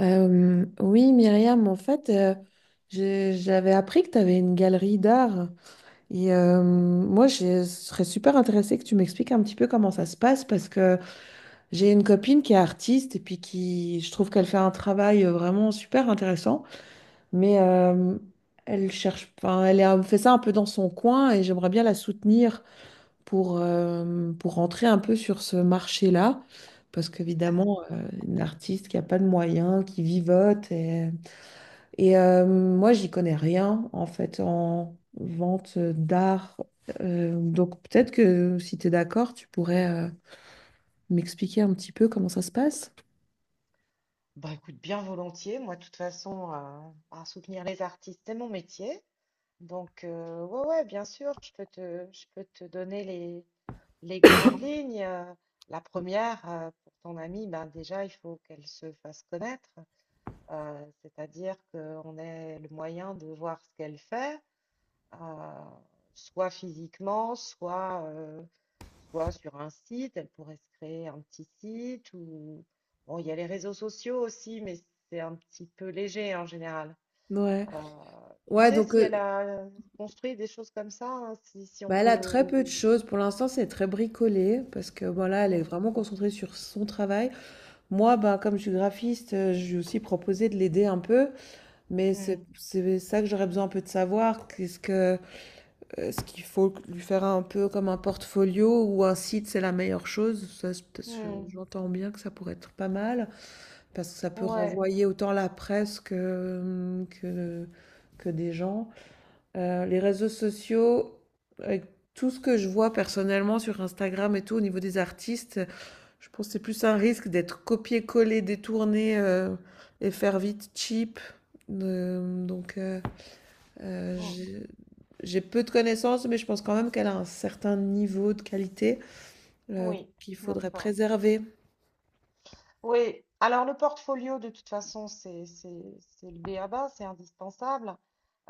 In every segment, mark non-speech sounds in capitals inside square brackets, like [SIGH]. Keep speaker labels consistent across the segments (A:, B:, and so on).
A: Oui, Myriam, en fait, j'avais appris que tu avais une galerie d'art. Et moi, je serais super intéressée que tu m'expliques un petit peu comment ça se passe parce que j'ai une copine qui est artiste et puis qui, je trouve qu'elle fait un travail vraiment super intéressant. Mais elle cherche, enfin, elle est fait ça un peu dans son coin et j'aimerais bien la soutenir pour rentrer un peu sur ce marché-là. Parce qu'évidemment, une artiste qui n'a pas de moyens, qui vivote, et moi, j'y connais rien en fait en vente d'art. Donc peut-être que si tu es d'accord, tu pourrais m'expliquer un petit peu comment ça se passe.
B: Bah écoute, bien volontiers. Moi, de toute façon, à soutenir les artistes, c'est mon métier. Donc, ouais, ouais, bien sûr, je peux te donner les grandes lignes. La première, pour ton amie, ben déjà, il faut qu'elle se fasse connaître. C'est-à-dire qu'on ait le moyen de voir ce qu'elle fait, euh, soit physiquement, soit sur un site. Elle pourrait se créer un petit site ou bon, il y a les réseaux sociaux aussi, mais c'est un petit peu léger en général.
A: Ouais,
B: Euh, Tu
A: ouais,
B: sais
A: donc
B: si elle a construit des choses comme ça, hein, si on
A: bah, elle a très
B: peut.
A: peu de choses. Pour l'instant, c'est très bricolé parce que bon, là, elle est
B: Hmm,
A: vraiment concentrée sur son travail. Moi, bah, comme je suis graphiste, je lui ai aussi proposé de l'aider un peu, mais c'est
B: hmm,
A: c'est ça que j'aurais besoin un peu de savoir. Qu'est-ce que est-ce qu'il faut lui faire un peu comme un portfolio ou un site, c'est la meilleure chose? Ça, c'est
B: hmm.
A: j'entends bien que ça pourrait être pas mal parce que ça peut
B: Ouais,
A: renvoyer autant la presse que des gens. Les réseaux sociaux, avec tout ce que je vois personnellement sur Instagram et tout, au niveau des artistes, je pense que c'est plus un risque d'être copié-collé, détourné et faire vite cheap. Euh, donc. euh, euh,
B: hmm,
A: j'ai j'ai peu de connaissances, mais je pense quand même qu'elle a un certain niveau de qualité euh,
B: oui,
A: qu'il faudrait
B: d'accord.
A: préserver.
B: Oui, alors le portfolio, de toute façon, c'est le b à ba, c'est indispensable.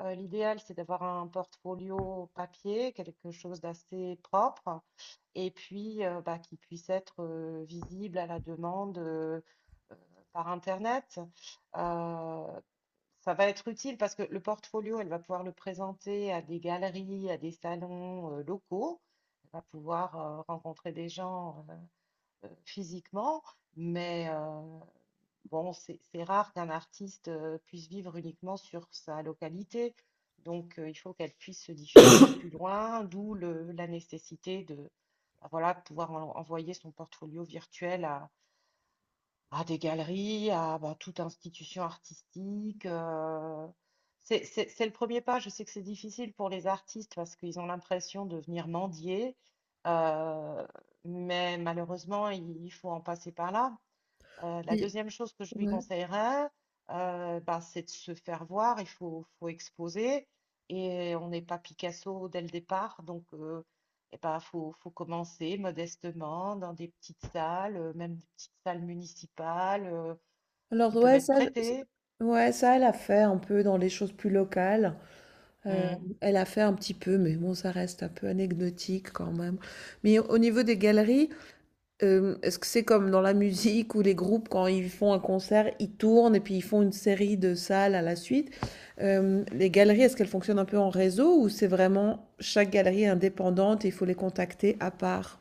B: L'idéal, c'est d'avoir un portfolio papier, quelque chose d'assez propre, et puis bah, qui puisse être visible à la demande, euh, par Internet. Euh, Ça va être utile parce que le portfolio, elle va pouvoir le présenter à des galeries, à des salons locaux. Elle va pouvoir rencontrer des gens, physiquement, mais bon, c'est rare qu'un artiste puisse vivre uniquement sur sa localité. Donc, il faut qu'elle puisse se diffuser plus loin, d'où la nécessité de, voilà, pouvoir envoyer son portfolio virtuel à des galeries, à bah, toute institution artistique. C'est le premier pas. Je sais que c'est difficile pour les artistes parce qu'ils ont l'impression de venir mendier, euh, mais malheureusement, il faut en passer par là. La
A: Et-
B: deuxième chose que je lui
A: ouais.
B: conseillerais, ben, c'est de se faire voir, faut exposer. Et on n'est pas Picasso dès le départ, donc eh ben, faut commencer modestement dans des petites salles, même des petites salles municipales,
A: Alors
B: qui peuvent
A: ouais,
B: être
A: ça,
B: prêtées.
A: ouais, ça, elle a fait un peu dans les choses plus locales. Euh,
B: Mm.
A: Elle a fait un petit peu, mais bon, ça reste un peu anecdotique quand même. Mais au niveau des galeries, est-ce que c'est comme dans la musique où les groupes, quand ils font un concert, ils tournent et puis ils font une série de salles à la suite? Les galeries, est-ce qu'elles fonctionnent un peu en réseau ou c'est vraiment chaque galerie est indépendante et il faut les contacter à part?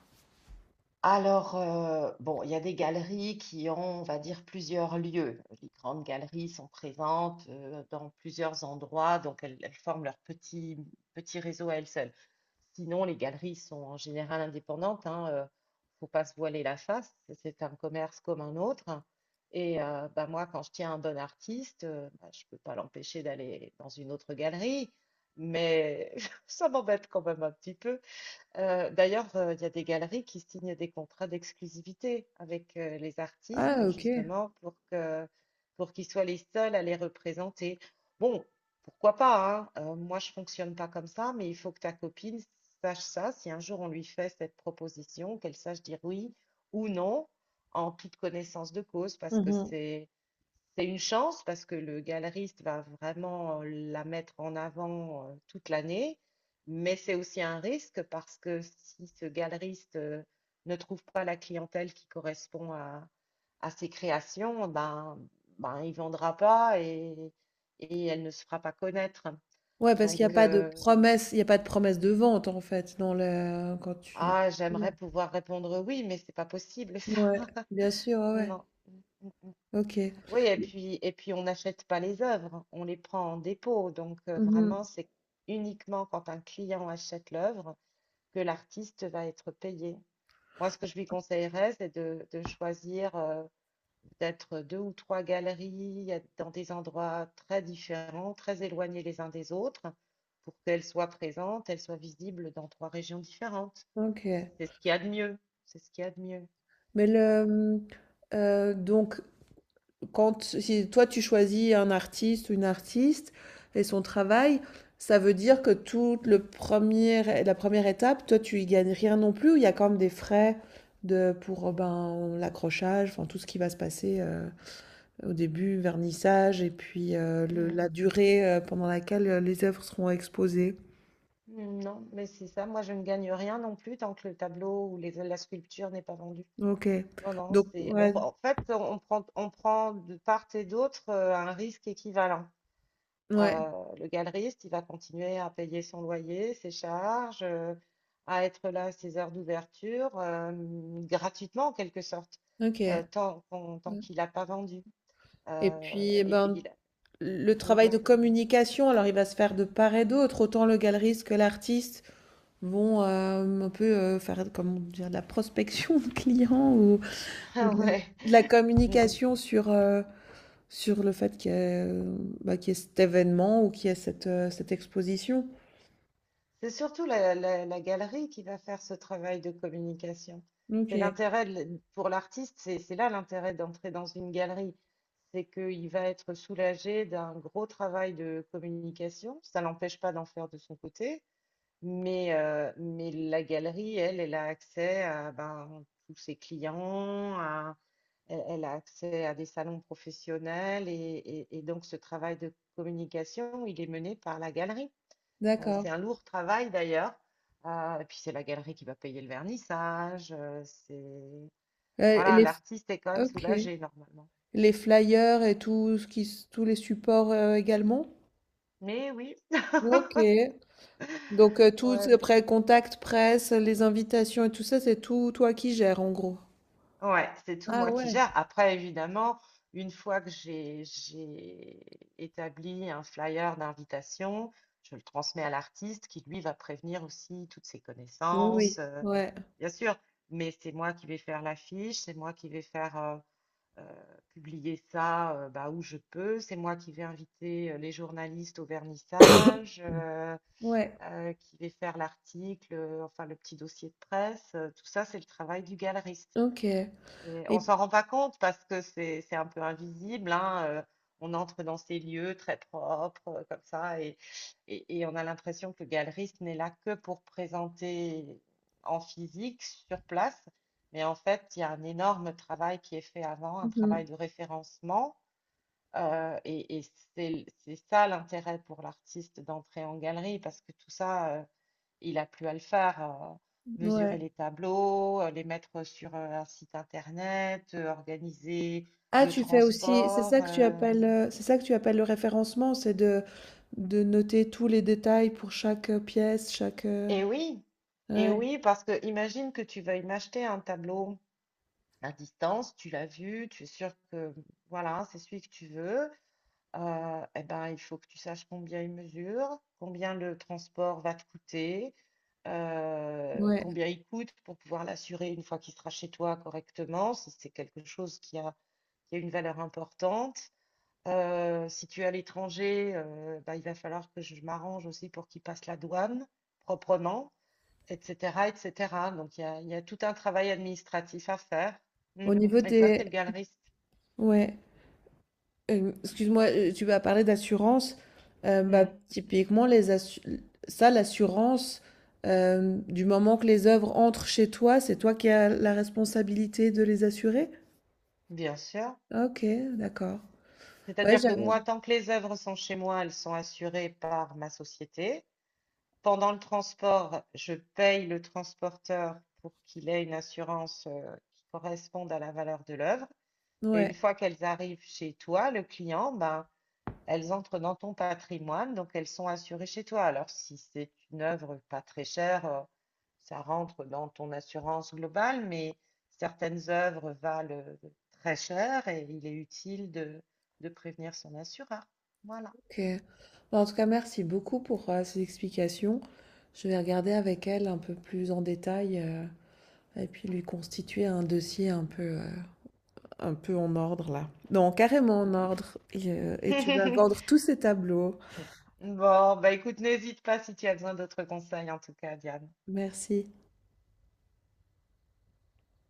B: Alors, bon, il y a des galeries qui ont, on va dire, plusieurs lieux. Les grandes galeries sont présentes dans plusieurs endroits, donc elles, elles forment leur petit réseau à elles seules. Sinon, les galeries sont en général indépendantes, hein, faut pas se voiler la face, c'est un commerce comme un autre. Et bah, moi, quand je tiens un bon artiste, bah, je peux pas l'empêcher d'aller dans une autre galerie, mais [LAUGHS] ça m'embête quand même un petit peu. D'ailleurs, il y a des galeries qui signent des contrats d'exclusivité avec les
A: Ah,
B: artistes,
A: OK.
B: justement, pour qu'ils soient les seuls à les représenter. Bon, pourquoi pas, hein, moi, je fonctionne pas comme ça, mais il faut que ta copine sache ça. Si un jour on lui fait cette proposition, qu'elle sache dire oui ou non, en toute connaissance de cause,
A: Mmh.
B: c'est une chance, parce que le galeriste va vraiment la mettre en avant toute l'année. Mais c'est aussi un risque parce que si ce galeriste ne trouve pas la clientèle qui correspond à ses créations, ben, il ne vendra pas, et elle ne se fera pas connaître.
A: Ouais, parce qu'il y a
B: Donc,
A: pas de promesse, de vente, en fait, dans le quand tu
B: ah, j'aimerais pouvoir répondre oui, mais c'est pas possible ça.
A: ouais, bien
B: [LAUGHS]
A: sûr, ouais, ouais.
B: Non.
A: OK.
B: Oui, et puis on n'achète pas les œuvres, on les prend en dépôt. Donc,
A: Mmh.
B: vraiment, c'est uniquement quand un client achète l'œuvre que l'artiste va être payé. Moi, ce que je lui conseillerais, de choisir peut-être deux ou trois galeries dans des endroits très différents, très éloignés les uns des autres, pour qu'elles soient présentes, elles soient visibles dans trois régions différentes.
A: OK.
B: C'est ce qu'il y a de mieux. C'est ce qu'il y a de mieux.
A: Mais
B: Euh,
A: le, mmh, donc quand si toi tu choisis un artiste ou une artiste et son travail, ça veut dire que toute le premier, la première étape, toi tu y gagnes rien non plus, ou il y a quand même des frais de, pour ben, l'accrochage, enfin tout ce qui va se passer au début, vernissage, et puis la
B: Mhm.
A: durée pendant laquelle les œuvres seront exposées.
B: Mm, non, mais c'est ça. Moi, je ne gagne rien non plus tant que le tableau ou la sculpture n'est pas vendue.
A: Ok.
B: Non, non,
A: Donc, ouais,
B: en fait, on prend de part et d'autre un risque équivalent.
A: ouais,
B: Euh, le galeriste, il va continuer à payer son loyer, ses charges, à être là à ses heures d'ouverture, gratuitement en quelque sorte,
A: ok.
B: tant qu'il n'a pas vendu.
A: Et
B: Euh,
A: puis, eh
B: et
A: ben,
B: puis là,
A: le
B: oui,
A: travail de
B: pardon.
A: communication, alors il va se faire de part et d'autre. Autant le galeriste que l'artiste vont un peu faire comment dire, de la prospection de clients
B: [LAUGHS]
A: ou
B: Ah ouais.
A: de la communication sur, sur le fait qu'il y, ait, bah, qu'il y ait cet événement ou qu'il y ait cette, cette exposition.
B: C'est surtout la galerie qui va faire ce travail de communication.
A: Ok,
B: Pour l'artiste, c'est là l'intérêt d'entrer dans une galerie. C'est qu'il va être soulagé d'un gros travail de communication. Ça l'empêche pas d'en faire de son côté, mais la galerie, elle, elle a accès à ben, tous ses clients, elle, elle a accès à des salons professionnels, et donc ce travail de communication, il est mené par la galerie.
A: d'accord.
B: C'est un lourd travail d'ailleurs. Et puis c'est la galerie qui va payer le vernissage. C'est...
A: Euh,
B: Voilà,
A: les,
B: l'artiste est quand même
A: ok.
B: soulagé normalement.
A: Les flyers et tout ce qui, tous les supports également.
B: Mais oui,
A: Ok,
B: [LAUGHS]
A: donc,
B: Ouais, ouais.
A: après contact presse, les invitations et tout ça, c'est tout toi qui gères en gros.
B: Ouais, c'est tout
A: Ah
B: moi qui
A: ouais,
B: gère. Après, évidemment, une fois que j'ai établi un flyer d'invitation, je le transmets à l'artiste qui, lui, va prévenir aussi toutes ses
A: oui,
B: connaissances.
A: oui, ouais,
B: Bien sûr, mais c'est moi qui vais faire l'affiche, c'est moi qui vais faire euh, publier ça, bah, où je peux. C'est moi qui vais inviter les journalistes au vernissage,
A: ouais,
B: qui vais faire l'article, enfin le petit dossier de presse. Tout ça, c'est le travail du galeriste.
A: ok.
B: On
A: Et
B: s'en rend pas compte parce que c'est un peu invisible, hein, on entre dans ces lieux très propres, comme ça, et on a l'impression que le galeriste n'est là que pour présenter en physique, sur place. Mais en fait, il y a un énorme travail qui est fait avant, un travail
A: mhm,
B: de référencement. Et c'est ça l'intérêt pour l'artiste d'entrer en galerie, parce que tout ça, il a plus à le faire, mesurer
A: ouais.
B: les tableaux, les mettre sur, un site internet, organiser
A: Ah,
B: le
A: tu fais aussi,
B: transport,
A: c'est ça que tu appelles le référencement, c'est de noter tous les détails pour chaque pièce, chaque.
B: et oui, et
A: Ouais,
B: oui, parce que imagine que tu veuilles m'acheter un tableau à distance, tu l'as vu, tu es sûr que, voilà, c'est celui que tu veux, et ben, il faut que tu saches combien il mesure, combien le transport va te coûter,
A: ouais.
B: combien il coûte pour pouvoir l'assurer une fois qu'il sera chez toi correctement, si c'est quelque chose qui a une valeur importante. Si tu es à l'étranger, bah, il va falloir que je m'arrange aussi pour qu'il passe la douane proprement, etc., etc. Donc il y a tout un travail administratif à faire. Mm.
A: Au niveau
B: Et ça, c'est
A: des.
B: le galeriste.
A: Ouais. Excuse-moi, tu vas parler d'assurance, bah,
B: Mm.
A: typiquement les assu ça l'assurance, du moment que les œuvres entrent chez toi, c'est toi qui as la responsabilité de les assurer?
B: Bien sûr.
A: OK, d'accord. Ouais,
B: C'est-à-dire
A: j'av
B: que moi, tant que les œuvres sont chez moi, elles sont assurées par ma société. Pendant le transport, je paye le transporteur pour qu'il ait une assurance qui corresponde à la valeur de l'œuvre. Et une
A: ouais,
B: fois qu'elles arrivent chez toi, le client, ben, elles entrent dans ton patrimoine, donc elles sont assurées chez toi. Alors, si c'est une œuvre pas très chère, ça rentre dans ton assurance globale, mais certaines œuvres valent très cher et il est utile de prévenir son assureur. Voilà.
A: OK. Bah, en tout cas, merci beaucoup pour, ces explications. Je vais regarder avec elle un peu plus en détail, et puis lui constituer un dossier un peu en ordre là. Non, carrément en ordre et tu vas vendre tous
B: [LAUGHS]
A: ces tableaux.
B: Bon, bah écoute, n'hésite pas si tu as besoin d'autres conseils en tout cas, Diane.
A: Merci.